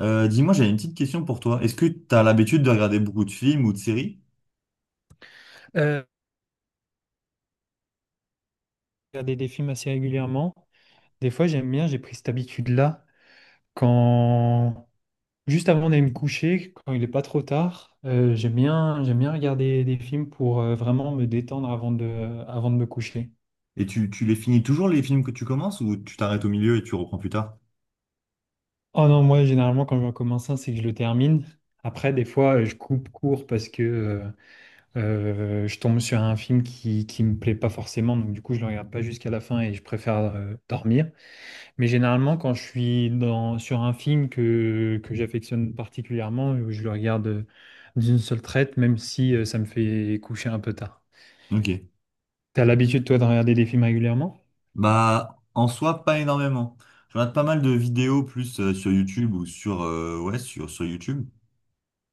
Dis-moi, j'ai une petite question pour toi. Est-ce que tu as l'habitude de regarder beaucoup de films ou de séries? Euh, regarder des films assez régulièrement. Des fois, j'aime bien, j'ai pris cette habitude-là. Quand juste avant d'aller me coucher, quand il n'est pas trop tard, j'aime bien regarder des films pour vraiment me détendre avant de me coucher. Et tu les finis toujours les films que tu commences ou tu t'arrêtes au milieu et tu reprends plus tard? Oh non, moi, généralement, quand je commence un, c'est que je le termine. Après, des fois, je coupe court parce que je tombe sur un film qui me plaît pas forcément. Donc, du coup, je le regarde pas jusqu'à la fin et je préfère dormir. Mais généralement, quand je suis sur un film que j'affectionne particulièrement, je le regarde d'une seule traite, même si ça me fait coucher un peu tard. Ok. T'as l'habitude, toi, de regarder des films régulièrement? Bah, en soi, pas énormément. Je regarde pas mal de vidéos plus sur YouTube ou sur, ouais, sur YouTube.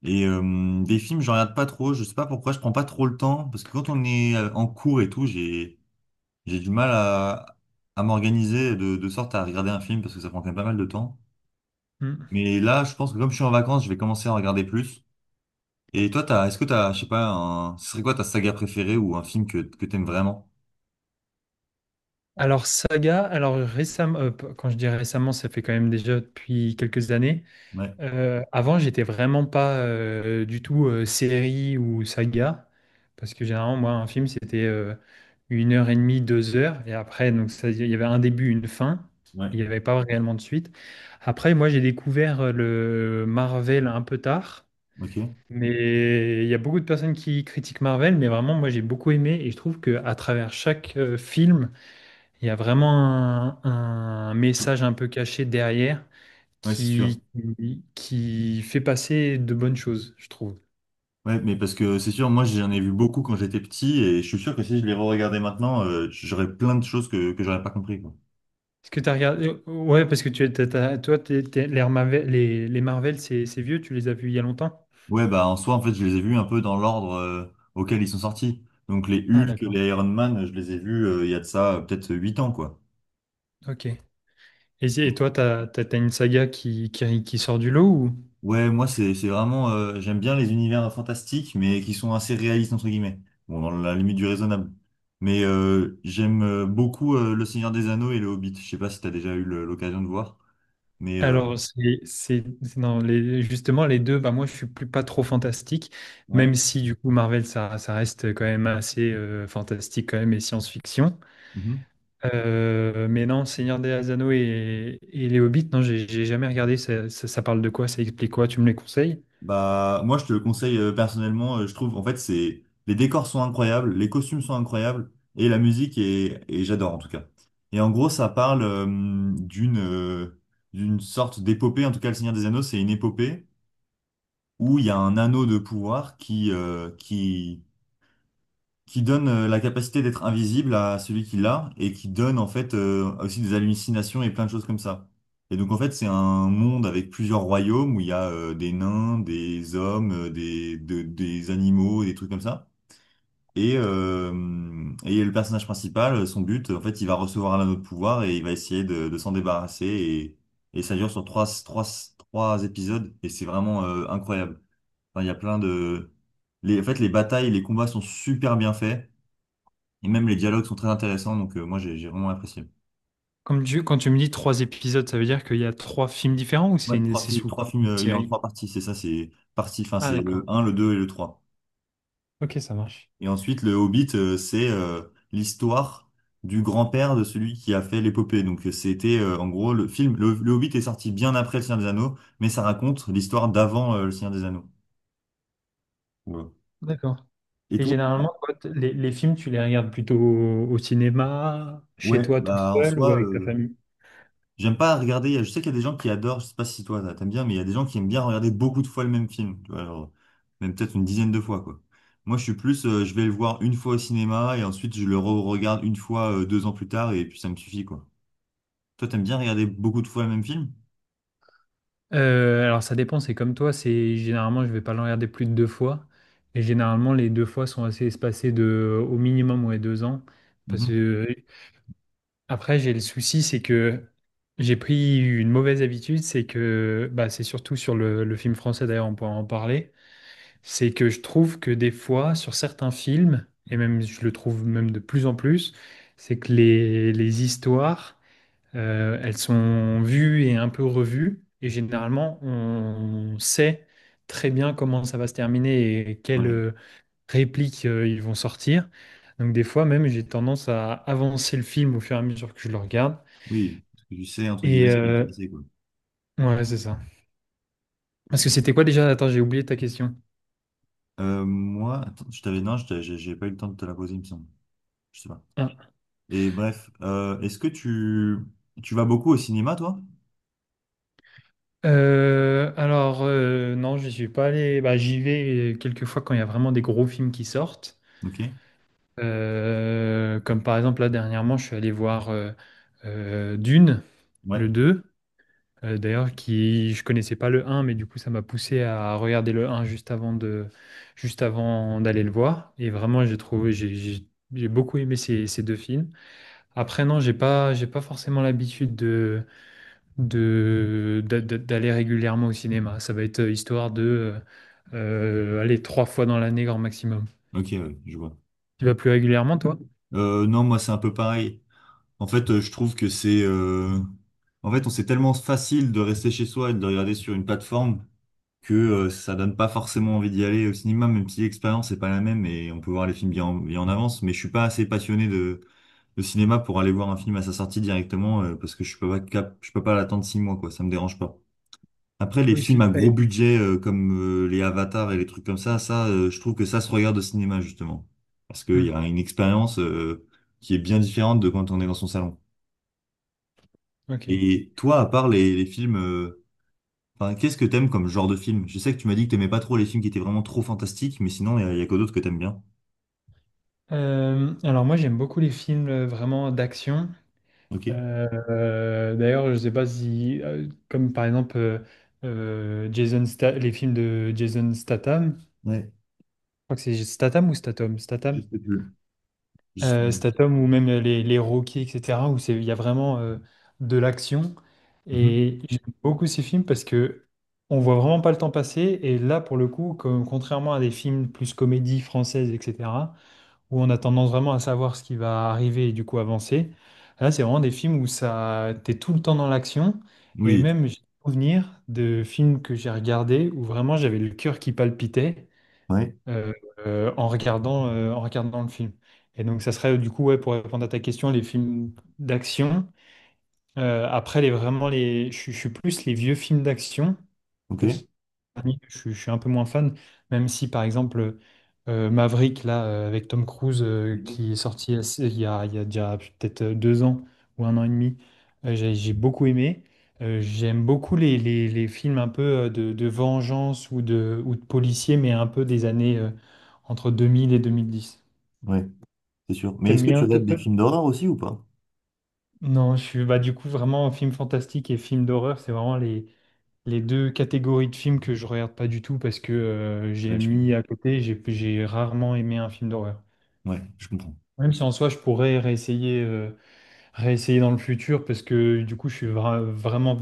Et des films, je regarde pas trop. Je sais pas pourquoi, je prends pas trop le temps. Parce que quand on est en cours et tout, j'ai du mal à m'organiser de sorte à regarder un film parce que ça prend quand même pas mal de temps. Hmm. Mais là, je pense que comme je suis en vacances, je vais commencer à en regarder plus. Et toi, est-ce que t'as, je sais pas, un, ce serait quoi ta saga préférée ou un film que t'aimes vraiment? Alors, saga, alors récemment, quand je dis récemment, ça fait quand même déjà depuis quelques années. Ouais, Avant, j'étais vraiment pas du tout série ou saga, parce que généralement, moi, un film, c'était 1 heure et demie, 2 heures, et après, donc ça, il y avait un début, une fin, il ouais, n'y avait pas réellement de suite. Après, moi, j'ai découvert le Marvel un peu tard, ok. mais il y a beaucoup de personnes qui critiquent Marvel, mais vraiment, moi, j'ai beaucoup aimé, et je trouve que à travers chaque film, il y a vraiment un message un peu caché derrière Ouais, c'est sûr. qui fait passer de bonnes choses, je trouve. Ouais, mais parce que c'est sûr, moi j'en ai vu beaucoup quand j'étais petit et je suis sûr que si je les re-regardais maintenant, j'aurais plein de choses que j'aurais pas compris, quoi. Est-ce que tu as regardé? Ouais, parce que tu, t'as- t'as- toi, t'es- t'es- les Marvel, les Marvel, c'est vieux, tu les as vus il y a longtemps? Ouais, bah en soi, en fait, je les ai vus un peu dans l'ordre auquel ils sont sortis. Donc les Ah, Hulk, d'accord. les Iron Man, je les ai vus il y a de ça peut-être 8 ans, quoi. Ok. Et toi, t'as une saga qui sort du lot ou? Ouais, moi c'est vraiment j'aime bien les univers fantastiques mais qui sont assez réalistes entre guillemets. Bon, dans la limite du raisonnable. Mais j'aime beaucoup Le Seigneur des Anneaux et Le Hobbit. Je sais pas si tu as déjà eu l'occasion de voir, mais Alors, non, justement, les deux, bah, moi, je suis plus pas trop fantastique, même ouais. si, du coup, Marvel, ça reste quand même assez fantastique quand même et science-fiction. Mhm. Mais non, Seigneur des Anneaux et les Hobbits, non, j'ai jamais regardé. Ça parle de quoi? Ça explique quoi? Tu me les conseilles? Bah moi je te le conseille personnellement, je trouve en fait c'est les décors sont incroyables, les costumes sont incroyables et la musique est et j'adore en tout cas. Et en gros, ça parle d'une sorte d'épopée, en tout cas Le Seigneur des Anneaux, c'est une épopée où il y a un anneau de pouvoir qui donne la capacité d'être invisible à celui qui l'a et qui donne en fait aussi des hallucinations et plein de choses comme ça. Et donc en fait c'est un monde avec plusieurs royaumes où il y a des nains, des hommes, des animaux, des trucs comme ça. Et, euh, et le personnage principal, son but, en fait, il va recevoir un anneau de pouvoir et il va essayer de s'en débarrasser. Et ça dure sur trois épisodes et c'est vraiment incroyable. Enfin, il y a plein de... Les, en fait, les batailles, les combats sont super bien faits. Et même les dialogues sont très intéressants. Donc, moi, j'ai vraiment apprécié. Quand tu me dis trois épisodes, ça veut dire qu'il y a trois films différents ou Ouais, c'est sous trois forme films, d'une il est en série? trois parties. C'est ça, c'est partie, enfin, Ah, c'est d'accord. le Ok, un le 2 et le trois. Ok, ça marche. Et ensuite, le Hobbit, c'est l'histoire du grand-père de celui qui a fait l'épopée. Donc, c'était, en gros, le film... le Hobbit est sorti bien après Le Seigneur des Anneaux, mais ça raconte l'histoire d'avant Le Seigneur des Anneaux. Ouais. D'accord. Et Et toi? Bah, généralement, toi, les films, tu les regardes plutôt au cinéma, chez ouais, toi tout bah en seul ou soi, avec ta famille? j'aime pas regarder, je sais qu'il y a des gens qui adorent, je sais pas si toi t'aimes bien, mais il y a des gens qui aiment bien regarder beaucoup de fois le même film, tu vois, genre, même peut-être une dizaine de fois, quoi. Moi, je suis plus, je vais le voir une fois au cinéma et ensuite je le re-regarde une fois, 2 ans plus tard et puis ça me suffit, quoi. Toi, t'aimes bien regarder beaucoup de fois le même film? Alors ça dépend, c'est comme toi, c'est généralement je vais pas le regarder plus de 2 fois et généralement les 2 fois sont assez espacées de au minimum, ouais, 2 ans parce Mhm. que après j'ai le souci, c'est que j'ai pris une mauvaise habitude, c'est que, bah, c'est surtout sur le film français d'ailleurs, on pourra en parler, c'est que je trouve que des fois sur certains films et même je le trouve même de plus en plus, c'est que les histoires elles sont vues et un peu revues. Et généralement, on sait très bien comment ça va se terminer et quelles Ouais, répliques ils vont sortir. Donc des fois même, j'ai tendance à avancer le film au fur et à mesure que je le regarde. oui, parce que tu sais, entre Et guillemets, ce qui va se euh, passer, quoi. ouais, c'est ça. Parce que Ouais. c'était quoi déjà? Attends, j'ai oublié ta question. Moi, attends, je t'avais, non, je t'ai- j'ai pas eu le temps de te la poser, il me semble. Je sais pas. Ah. Et bref, est-ce que tu vas beaucoup au cinéma, toi? Non, je suis pas allé. Bah, j'y vais quelques fois quand il y a vraiment des gros films qui sortent. Ok. Comme par exemple, là, dernièrement, je suis allé voir Dune, le Ouais. deux, d'ailleurs, qui je connaissais pas le un, mais du coup, ça m'a poussé à regarder le un juste juste avant d'aller le voir. Et vraiment, j'ai trouvé, j'ai beaucoup aimé ces deux films. Après, non, j'ai pas forcément l'habitude d'aller régulièrement au cinéma. Ça va être histoire de aller 3 fois dans l'année, grand maximum. Ok, ouais, je vois. Tu vas plus régulièrement, toi? Non, moi c'est un peu pareil. En fait, je trouve que c'est... en fait, on c'est tellement facile de rester chez soi et de regarder sur une plateforme que ça donne pas forcément envie d'y aller au cinéma, même si l'expérience n'est pas la même et on peut voir les films bien en avance. Mais je suis pas assez passionné de cinéma pour aller voir un film à sa sortie directement parce que je peux pas cap... je peux pas l'attendre 6 mois, quoi. Ça me dérange pas. Après, les Oui, je films à suis. gros Eh. budget comme les Avatars et les trucs comme ça, je trouve que ça se regarde au cinéma justement, parce qu'il y Hmm, a une expérience qui est bien différente de quand on est dans son salon. ok. Et toi, à part les films, enfin, qu'est-ce que t'aimes comme genre de film? Je sais que tu m'as dit que t'aimais pas trop les films qui étaient vraiment trop fantastiques, mais sinon, il y, a y a que d'autres que t'aimes bien. Alors moi j'aime beaucoup les films vraiment d'action. Ok. D'ailleurs je sais pas si comme par exemple les films de Jason Statham, je Ouais. crois que c'est Statham ou Statham, Je Statham, sais plus. Je- Statham ou même les Rocky etc. où c'est il y a vraiment de l'action Mhm. et j'aime beaucoup ces films parce que on voit vraiment pas le temps passer et là pour le coup contrairement à des films plus comédie française etc. où on a tendance vraiment à savoir ce qui va arriver et du coup avancer. Là, c'est vraiment des films où ça, t'es tout le temps dans l'action. Et Oui. Tu- même, j'ai des souvenirs de films que j'ai regardés où vraiment j'avais le cœur qui palpitait Ouais. euh, en regardant le film. Et donc, ça serait du coup, ouais, pour répondre à ta question, les films d'action. Après, vraiment, les, je suis plus les vieux films d'action. Ok. Titanic, je suis un peu moins fan, même si par exemple Maverick, là, avec Tom Cruise, Mhm. qui est sorti il y a déjà peut-être 2 ans ou 1 an et demi, j'ai beaucoup aimé. J'aime beaucoup les films un peu de vengeance ou ou de policiers, mais un peu des années entre 2000 et 2010. Ouais, c'est sûr. Mais est-ce T'aimes que tu bien? toi- regardes des toi films d'horreur aussi ou pas? non, je suis bah, du coup vraiment film fantastique et film d'horreur, c'est vraiment les deux catégories de films que je regarde pas du tout parce que j'ai Ouais, je mis comprends. à côté, j'ai rarement aimé un film d'horreur. Ouais, je comprends. Même si en soi je pourrais réessayer dans le futur parce que du coup je suis vraiment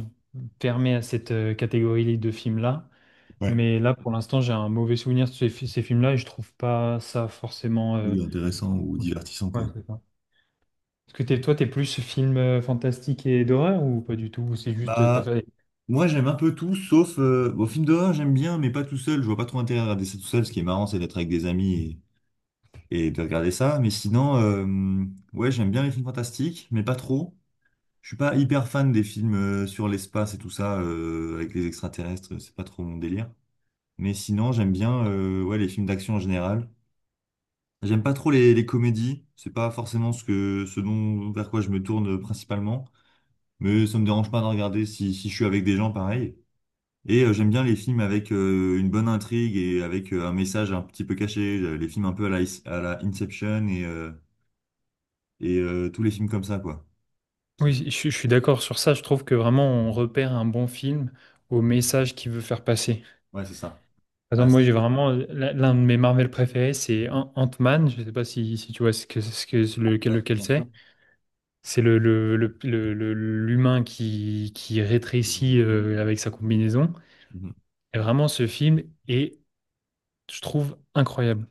fermé à cette catégorie de films-là. Ouais. Mais là pour l'instant j'ai un mauvais souvenir de ces films-là et je trouve pas ça forcément Oui, intéressant ou cool. divertissant, Ouais, quoi. c'est ça. Est-ce que toi t'es plus film fantastique et d'horreur ou pas du tout? Ou c'est juste t'as Bah, fait. moi j'aime un peu tout, sauf bon, film d'horreur j'aime bien, mais pas tout seul. Je vois pas trop intérêt à regarder ça tout seul. Ce qui est marrant, c'est d'être avec des amis et de regarder ça. Mais sinon, ouais, j'aime bien les films fantastiques, mais pas trop. Je suis pas hyper fan des films sur l'espace et tout ça avec les extraterrestres. C'est pas trop mon délire. Mais sinon, j'aime bien ouais les films d'action en général. J'aime pas trop les comédies. C'est pas forcément ce que ce dont vers quoi je me tourne principalement. Mais ça me dérange pas de regarder si je suis avec des gens pareil. Et j'aime bien les films avec une bonne intrigue et avec un message un petit peu caché, les films un peu à la Inception et tous les films comme ça, quoi. Oui, Qui... je suis d'accord sur ça. Je trouve que vraiment on repère un bon film au message qu'il veut faire passer. Ouais, c'est ça. Par Bah, exemple, moi si. j'ai vraiment l'un de mes Marvel préférés, c'est Ant-Man. Je sais pas si tu vois lequel, Ouais, lequel bien sûr. c'est. C'est l'humain qui C'est une rétrécit fourmi, ouais. avec sa combinaison. Mhm. Et vraiment, ce film est, je trouve, incroyable.